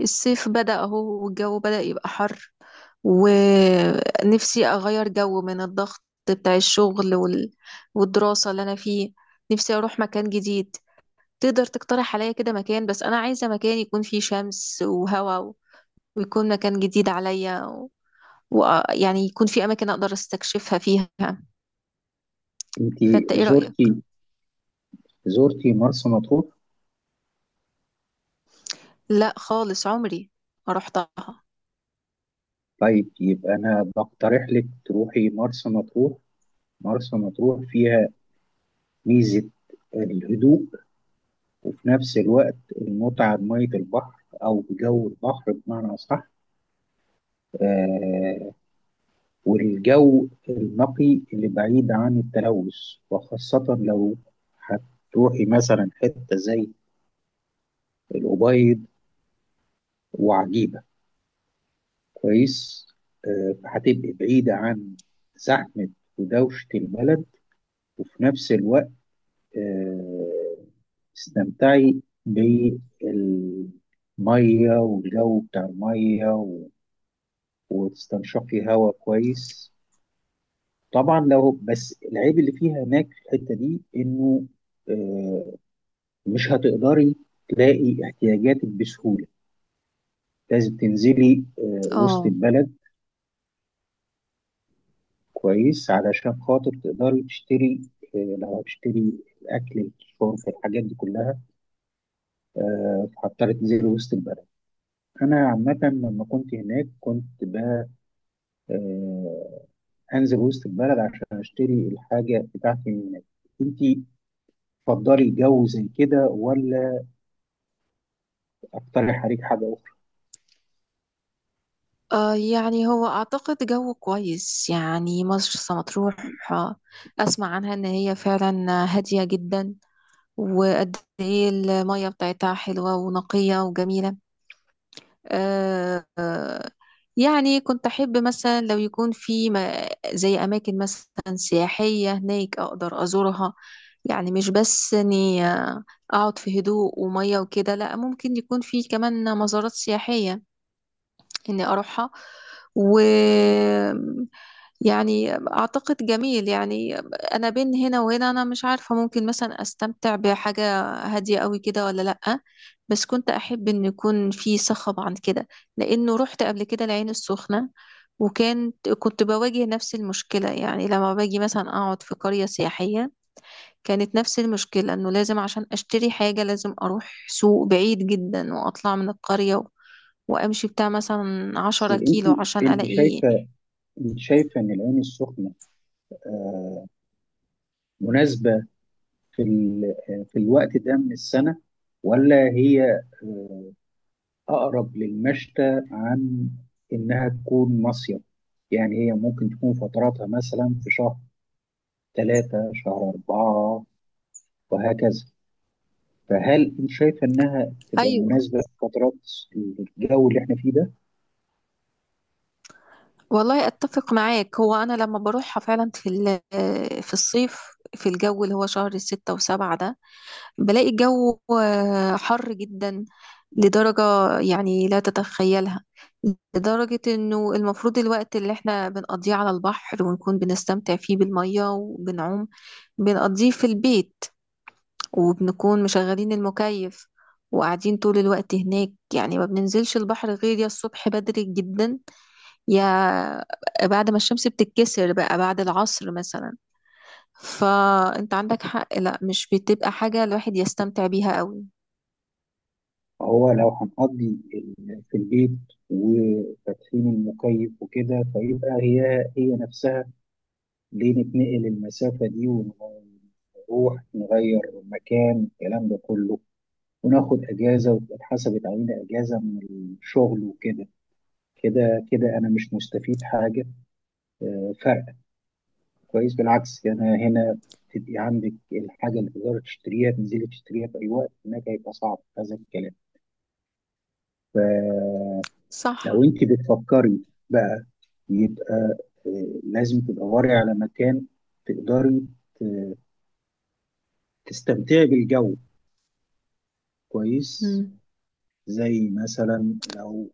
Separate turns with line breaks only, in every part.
الصيف بدأ اهو، والجو بدأ يبقى حر. ونفسي أغير جو من الضغط بتاع الشغل والدراسة اللي أنا فيه. نفسي أروح مكان جديد. تقدر تقترح عليا كده مكان؟ بس أنا عايزة مكان يكون فيه شمس وهواء ويكون مكان جديد عليا، ويعني يكون فيه أماكن أقدر استكشفها فيها.
انت
فأنت إيه رأيك؟
زرتي زرتي مرسى مطروح؟
لا خالص عمري ما رحتها.
طيب يبقى انا بقترح لك تروحي مرسى مطروح. مرسى مطروح فيها ميزة الهدوء، وفي نفس الوقت المتعة بمية البحر أو بجو البحر بمعنى أصح. آه والجو النقي اللي بعيد عن التلوث، وخاصة لو هتروحي مثلا حتة زي الأبيض وعجيبة، كويس. فهتبقي بعيدة عن زحمة ودوشة البلد، وفي نفس الوقت آه، استمتعي بالمية والجو بتاع المية وتستنشقي هواء كويس. طبعا، لو بس العيب اللي فيها هناك في الحتة دي إنه آه، مش هتقدري تلاقي احتياجاتك بسهولة، لازم تنزلي وسط
اه.
البلد، كويس، علشان خاطر تقدري تشتري، لو هتشتري الأكل الشرب الحاجات دي كلها، فهضطر تنزلي وسط البلد. أنا عامة لما كنت هناك كنت آه، أنزل وسط البلد عشان أشتري الحاجة بتاعتي من هناك. أنت تفضلي جو زي كده ولا أقترح عليك حاجة أخرى؟
آه يعني هو أعتقد جو كويس يعني مرسى مطروح. آه، أسمع عنها إن هي فعلا هادية جدا، وقد إيه المية بتاعتها حلوة ونقية وجميلة. آه آه، يعني كنت أحب مثلا لو يكون في زي أماكن مثلا سياحية هناك أقدر أزورها، يعني مش بس إني أقعد في هدوء ومية وكده، لأ ممكن يكون في كمان مزارات سياحية إني أروحها. و يعني أعتقد جميل يعني. أنا بين هنا وهنا، أنا مش عارفة ممكن مثلا أستمتع بحاجة هادية قوي كده ولا لأ. بس كنت أحب إن يكون في صخب عن كده، لأنه رحت قبل كده العين السخنة، وكانت كنت بواجه نفس المشكلة يعني لما باجي مثلا أقعد في قرية سياحية. كانت نفس المشكلة إنه لازم عشان أشتري حاجة لازم أروح سوق بعيد جدا وأطلع من القرية، وامشي بتاع مثلا
بس
عشرة كيلو عشان
أنت
الاقي.
شايفة أنت شايفة إن العين السخنة مناسبة في ال- آه، في الوقت ده من السنة، ولا هي آه، أقرب للمشتى عن إنها تكون مصيف؟ يعني هي ممكن تكون فتراتها مثلا في شهر ثلاثة شهر أربعة وهكذا. فهل أنت شايفة إنها تبقى
ايوه.
مناسبة في فترات الجو اللي إحنا فيه ده؟
والله اتفق معاك، هو انا لما بروحها فعلا في الصيف، في الجو اللي هو شهر 6 و7 ده، بلاقي الجو حر جدا، لدرجة يعني لا تتخيلها. لدرجة انه المفروض الوقت اللي احنا بنقضيه على البحر ونكون بنستمتع فيه بالمية وبنعوم، بنقضيه في البيت وبنكون مشغلين المكيف وقاعدين طول الوقت هناك. يعني ما بننزلش البحر غير يا الصبح بدري جدا، يا بعد ما الشمس بتتكسر بقى بعد العصر مثلا. فانت عندك حق، لا مش بتبقى حاجة الواحد يستمتع بيها قوي.
هو لو هنقضي في البيت وفاتحين المكيف وكده، فيبقى هي هي نفسها، ليه نتنقل المسافة دي ونروح نغير مكان الكلام ده كله، وناخد اجازه وتبقى اتحسبت علينا اجازه من الشغل وكده؟ كده كده انا مش مستفيد حاجه، فرق كويس. بالعكس، انا هنا تبقي عندك الحاجه اللي تقدري تشتريها تنزلي تشتريها في اي وقت، هناك هيبقى صعب هذا الكلام. فلو
صح.
انت بتفكري بقى، يبقى لازم تدوري على مكان تقدري ت- تستمتعي بالجو كويس،
مم.
زي مثلا لو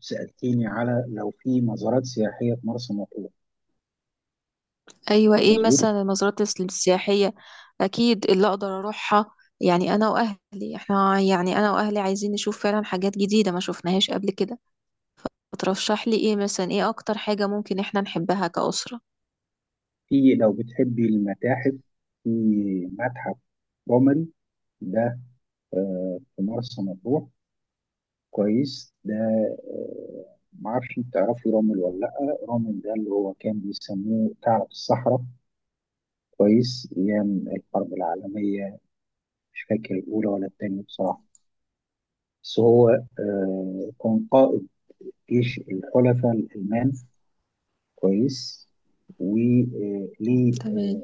سألتيني على لو في مزارات سياحية في مرسى مطروح.
ايوه، ايه
مظبوط،
مثلا المزارات السياحية اكيد اللي اقدر اروحها؟ يعني انا واهلي، احنا يعني انا واهلي عايزين نشوف فعلا حاجات جديدة ما شفناهاش قبل كده. فترشح لي ايه مثلا؟ ايه اكتر حاجة ممكن احنا نحبها كأسرة؟
في لو بتحبي المتاحف في متحف قمري ده، في مرسى مطروح، كويس ده. معرفش انت تعرفي رامل ولا لأ. رامل ده اللي هو كان بيسموه ثعلب الصحراء، كويس، أيام الحرب العالمية، مش فاكر الأولى ولا التانية بصراحة. بس هو كان قائد جيش الحلفاء الألمان، كويس. وليه
تمام.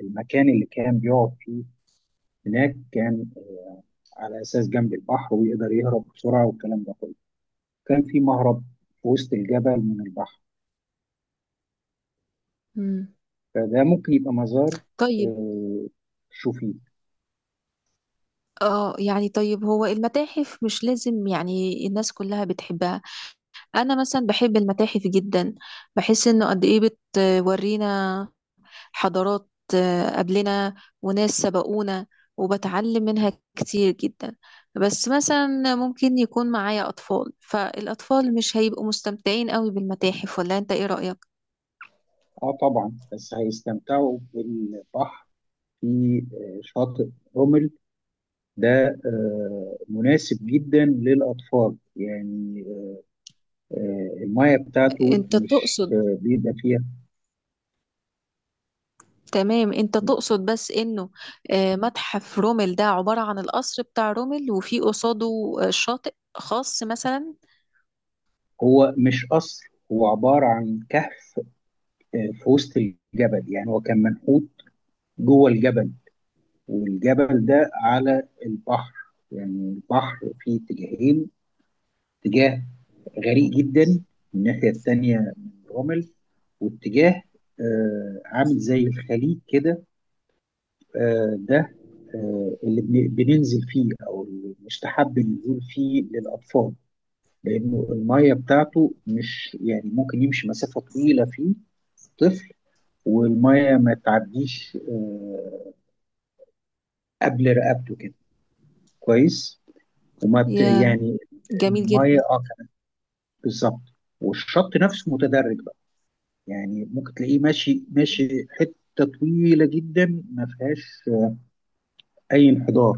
المكان اللي كان بيقعد فيه هناك كان على اساس جنب البحر ويقدر يهرب بسرعه والكلام ده كله، كان في مهرب في وسط الجبل من البحر.
مم.
فده ممكن يبقى مزار،
طيب.
آه، شوفيه.
اه يعني، طيب هو المتاحف مش لازم يعني الناس كلها بتحبها. انا مثلا بحب المتاحف جدا، بحس انه قد ايه بتورينا حضارات قبلنا، وناس سبقونا، وبتعلم منها كتير جدا. بس مثلا ممكن يكون معايا اطفال، فالاطفال مش هيبقوا مستمتعين قوي بالمتاحف، ولا انت ايه رأيك؟
اه طبعا، بس هيستمتعوا بالبحر، في شاطئ رمل ده مناسب جدا للاطفال، يعني الميه بتاعته
انت
مش
تقصد،
بيبقى فيها.
تمام انت تقصد بس انه متحف رومل ده عبارة عن القصر بتاع رومل، وفي قصاده شاطئ خاص مثلا؟
هو مش قصر، هو عبارة عن كهف في وسط الجبل، يعني هو كان منحوت جوه الجبل، والجبل ده على البحر، يعني البحر فيه اتجاهين: اتجاه غريق جدا الناحية التانية من رمل، واتجاه عامل زي الخليج كده. ده اللي بننزل فيه او اللي مستحب النزول فيه للاطفال، لانه الميه بتاعته مش، يعني ممكن يمشي مسافه طويله فيه طفل، والميه ما تعديش قبل رقبته كده، كويس.
يا،
يعني
جميل جدا.
الميه كانت بالظبط، والشط نفسه متدرج بقى، يعني ممكن تلاقيه ماشي ماشي حته طويله جدا ما فيهاش اي انحدار،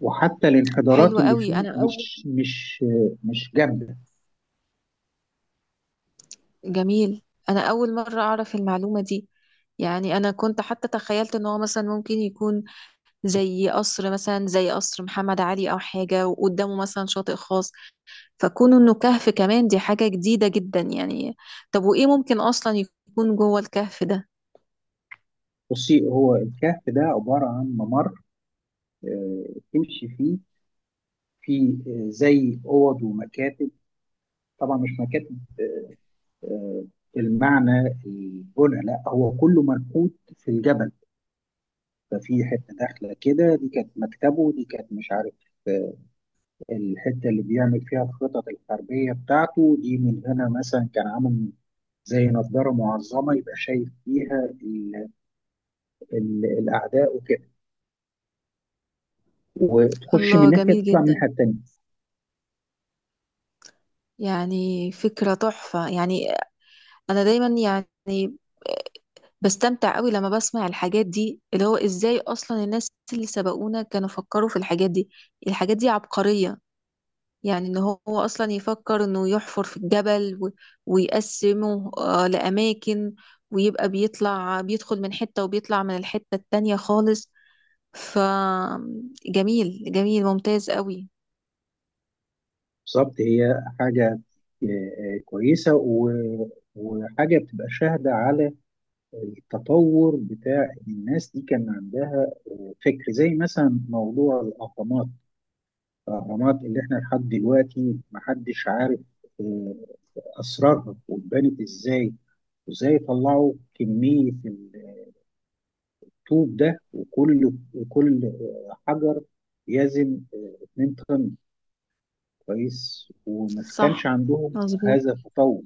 وحتى الانحدارات
حلو
اللي
قوي.
فيه
انا اول
مش جامده.
جميل، انا اول مرة اعرف المعلومة دي. يعني انا كنت حتى تخيلت ان هو مثلا ممكن يكون زي قصر مثلا زي قصر محمد علي او حاجة، وقدامه مثلا شاطئ خاص، فكون انه كهف كمان دي حاجة جديدة جدا يعني. طب وايه ممكن اصلا يكون جوه الكهف ده؟
بصي، هو الكهف ده عباره عن ممر آه، تمشي فيه، في زي اوض ومكاتب، طبعا مش مكاتب، آه، المعنى البنى، لا هو كله منحوت في الجبل. ففي حته داخله كده دي كانت مكتبه، دي كانت مش عارف آه، الحته اللي بيعمل فيها الخطط الحربيه بتاعته، دي من هنا مثلا كان عامل زي نظاره معظمه يبقى شايف فيها ال ال الاعداء وكده، وتخش من
الله،
ناحيه
جميل
تطلع من
جدا،
الناحيه التانيه.
يعني فكرة تحفة يعني. أنا دايما يعني بستمتع قوي لما بسمع الحاجات دي، اللي هو إزاي أصلا الناس اللي سبقونا كانوا فكروا في الحاجات دي. الحاجات دي عبقرية يعني، إن هو أصلا يفكر إنه يحفر في الجبل ويقسمه لأماكن، ويبقى بيطلع بيدخل من حتة وبيطلع من الحتة التانية خالص. فجميل جميل ممتاز قوي.
بالظبط، هي حاجه كويسه وحاجه بتبقى شاهده على التطور بتاع الناس دي، كان عندها فكر، زي مثلا موضوع الأهرامات. الأهرامات اللي احنا لحد دلوقتي محدش عارف آه، أسرارها واتبنت ازاي، وازاي طلعوا كمية الطوب ده، وكل حجر يزن 2 طن، كويس، وما كانش
صح،
عندهم هذا
مظبوط.
التطور.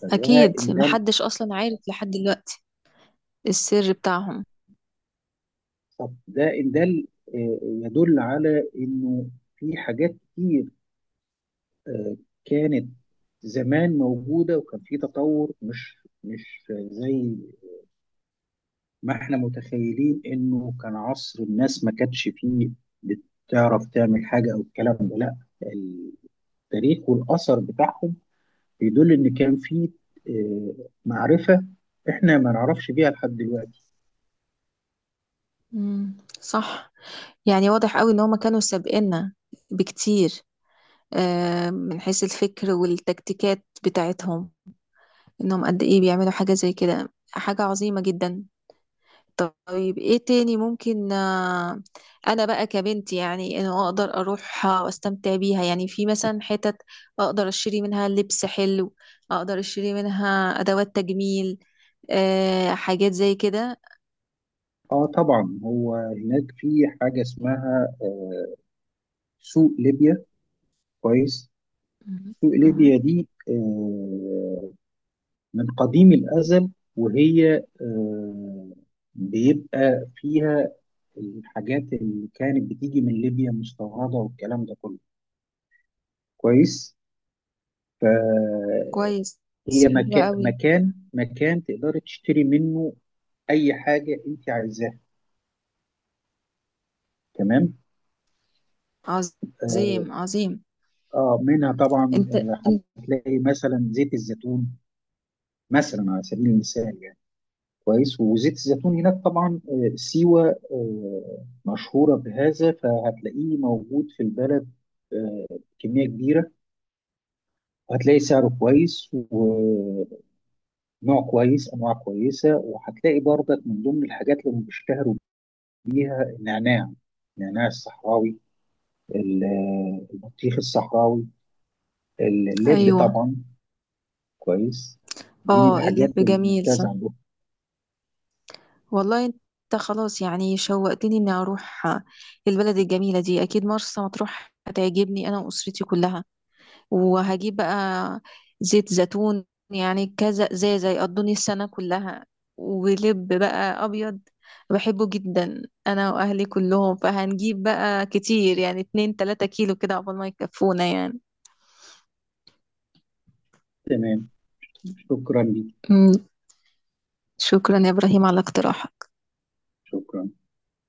فده
أكيد
إن ده
محدش أصلا عارف لحد دلوقتي السر بتاعهم.
ده إن ده يدل على إنه في حاجات كتير آه، كانت زمان موجودة، وكان في تطور، مش مش زي ما احنا متخيلين، انه كان عصر الناس ما كانتش فيه بتعرف تعمل حاجة او الكلام ده، لا. التاريخ والأثر بتاعهم بيدل ان كان فيه معرفة احنا ما نعرفش بيها لحد دلوقتي.
مم. صح. يعني واضح قوي ان هما كانوا سابقنا بكتير، من حيث الفكر والتكتيكات بتاعتهم، انهم قد ايه بيعملوا حاجة زي كده، حاجة عظيمة جدا. طيب ايه تاني ممكن، انا بقى كبنت يعني انه اقدر اروحها واستمتع بيها؟ يعني في مثلا حتت اقدر اشتري منها لبس حلو، اقدر اشتري منها ادوات تجميل، حاجات زي كده؟
اه طبعا، هو هناك في حاجة اسمها سوق ليبيا، كويس.
مم.
سوق
مم.
ليبيا دي من قديم الأزل، وهي آه، بيبقى فيها الحاجات اللي كانت بتيجي من ليبيا مستوردة والكلام ده كله، كويس.
كويس.
فهي
حلو
مكان
قوي.
مكان مكان تقدري تشتري منه أي حاجة أنت عايزاها، تمام. اه
عظيم عظيم.
منها طبعا
انت, انت.
هتلاقي مثلا زيت الزيتون، مثلا على سبيل المثال يعني. كويس، وزيت الزيتون هناك طبعا سيوة مشهورة بهذا، فهتلاقيه موجود في البلد آه، كمية كبيرة، وهتلاقي سعره كويس ونوع كويس، أنواع كويسة. وهتلاقي برضك من ضمن الحاجات اللي هم بيشتهروا بيها النعناع، النعناع الصحراوي، البطيخ الصحراوي، اللب
ايوه.
طبعا، كويس، دي من
اه
الحاجات
اللب جميل، صح.
الممتازة عندهم.
والله انت خلاص يعني شوقتني اني اروح البلد الجميله دي. اكيد مرسى مطروح هتعجبني انا واسرتي كلها. وهجيب بقى زيت زيتون، يعني كذا ازازه يقضوني السنه كلها. ولب بقى ابيض، بحبه جدا انا واهلي كلهم. فهنجيب بقى كتير يعني 2 3 كيلو كده عقبال ما يكفونا يعني.
تمام، شكرا ليك،
شكرا يا إبراهيم على الاقتراح.
شكرا.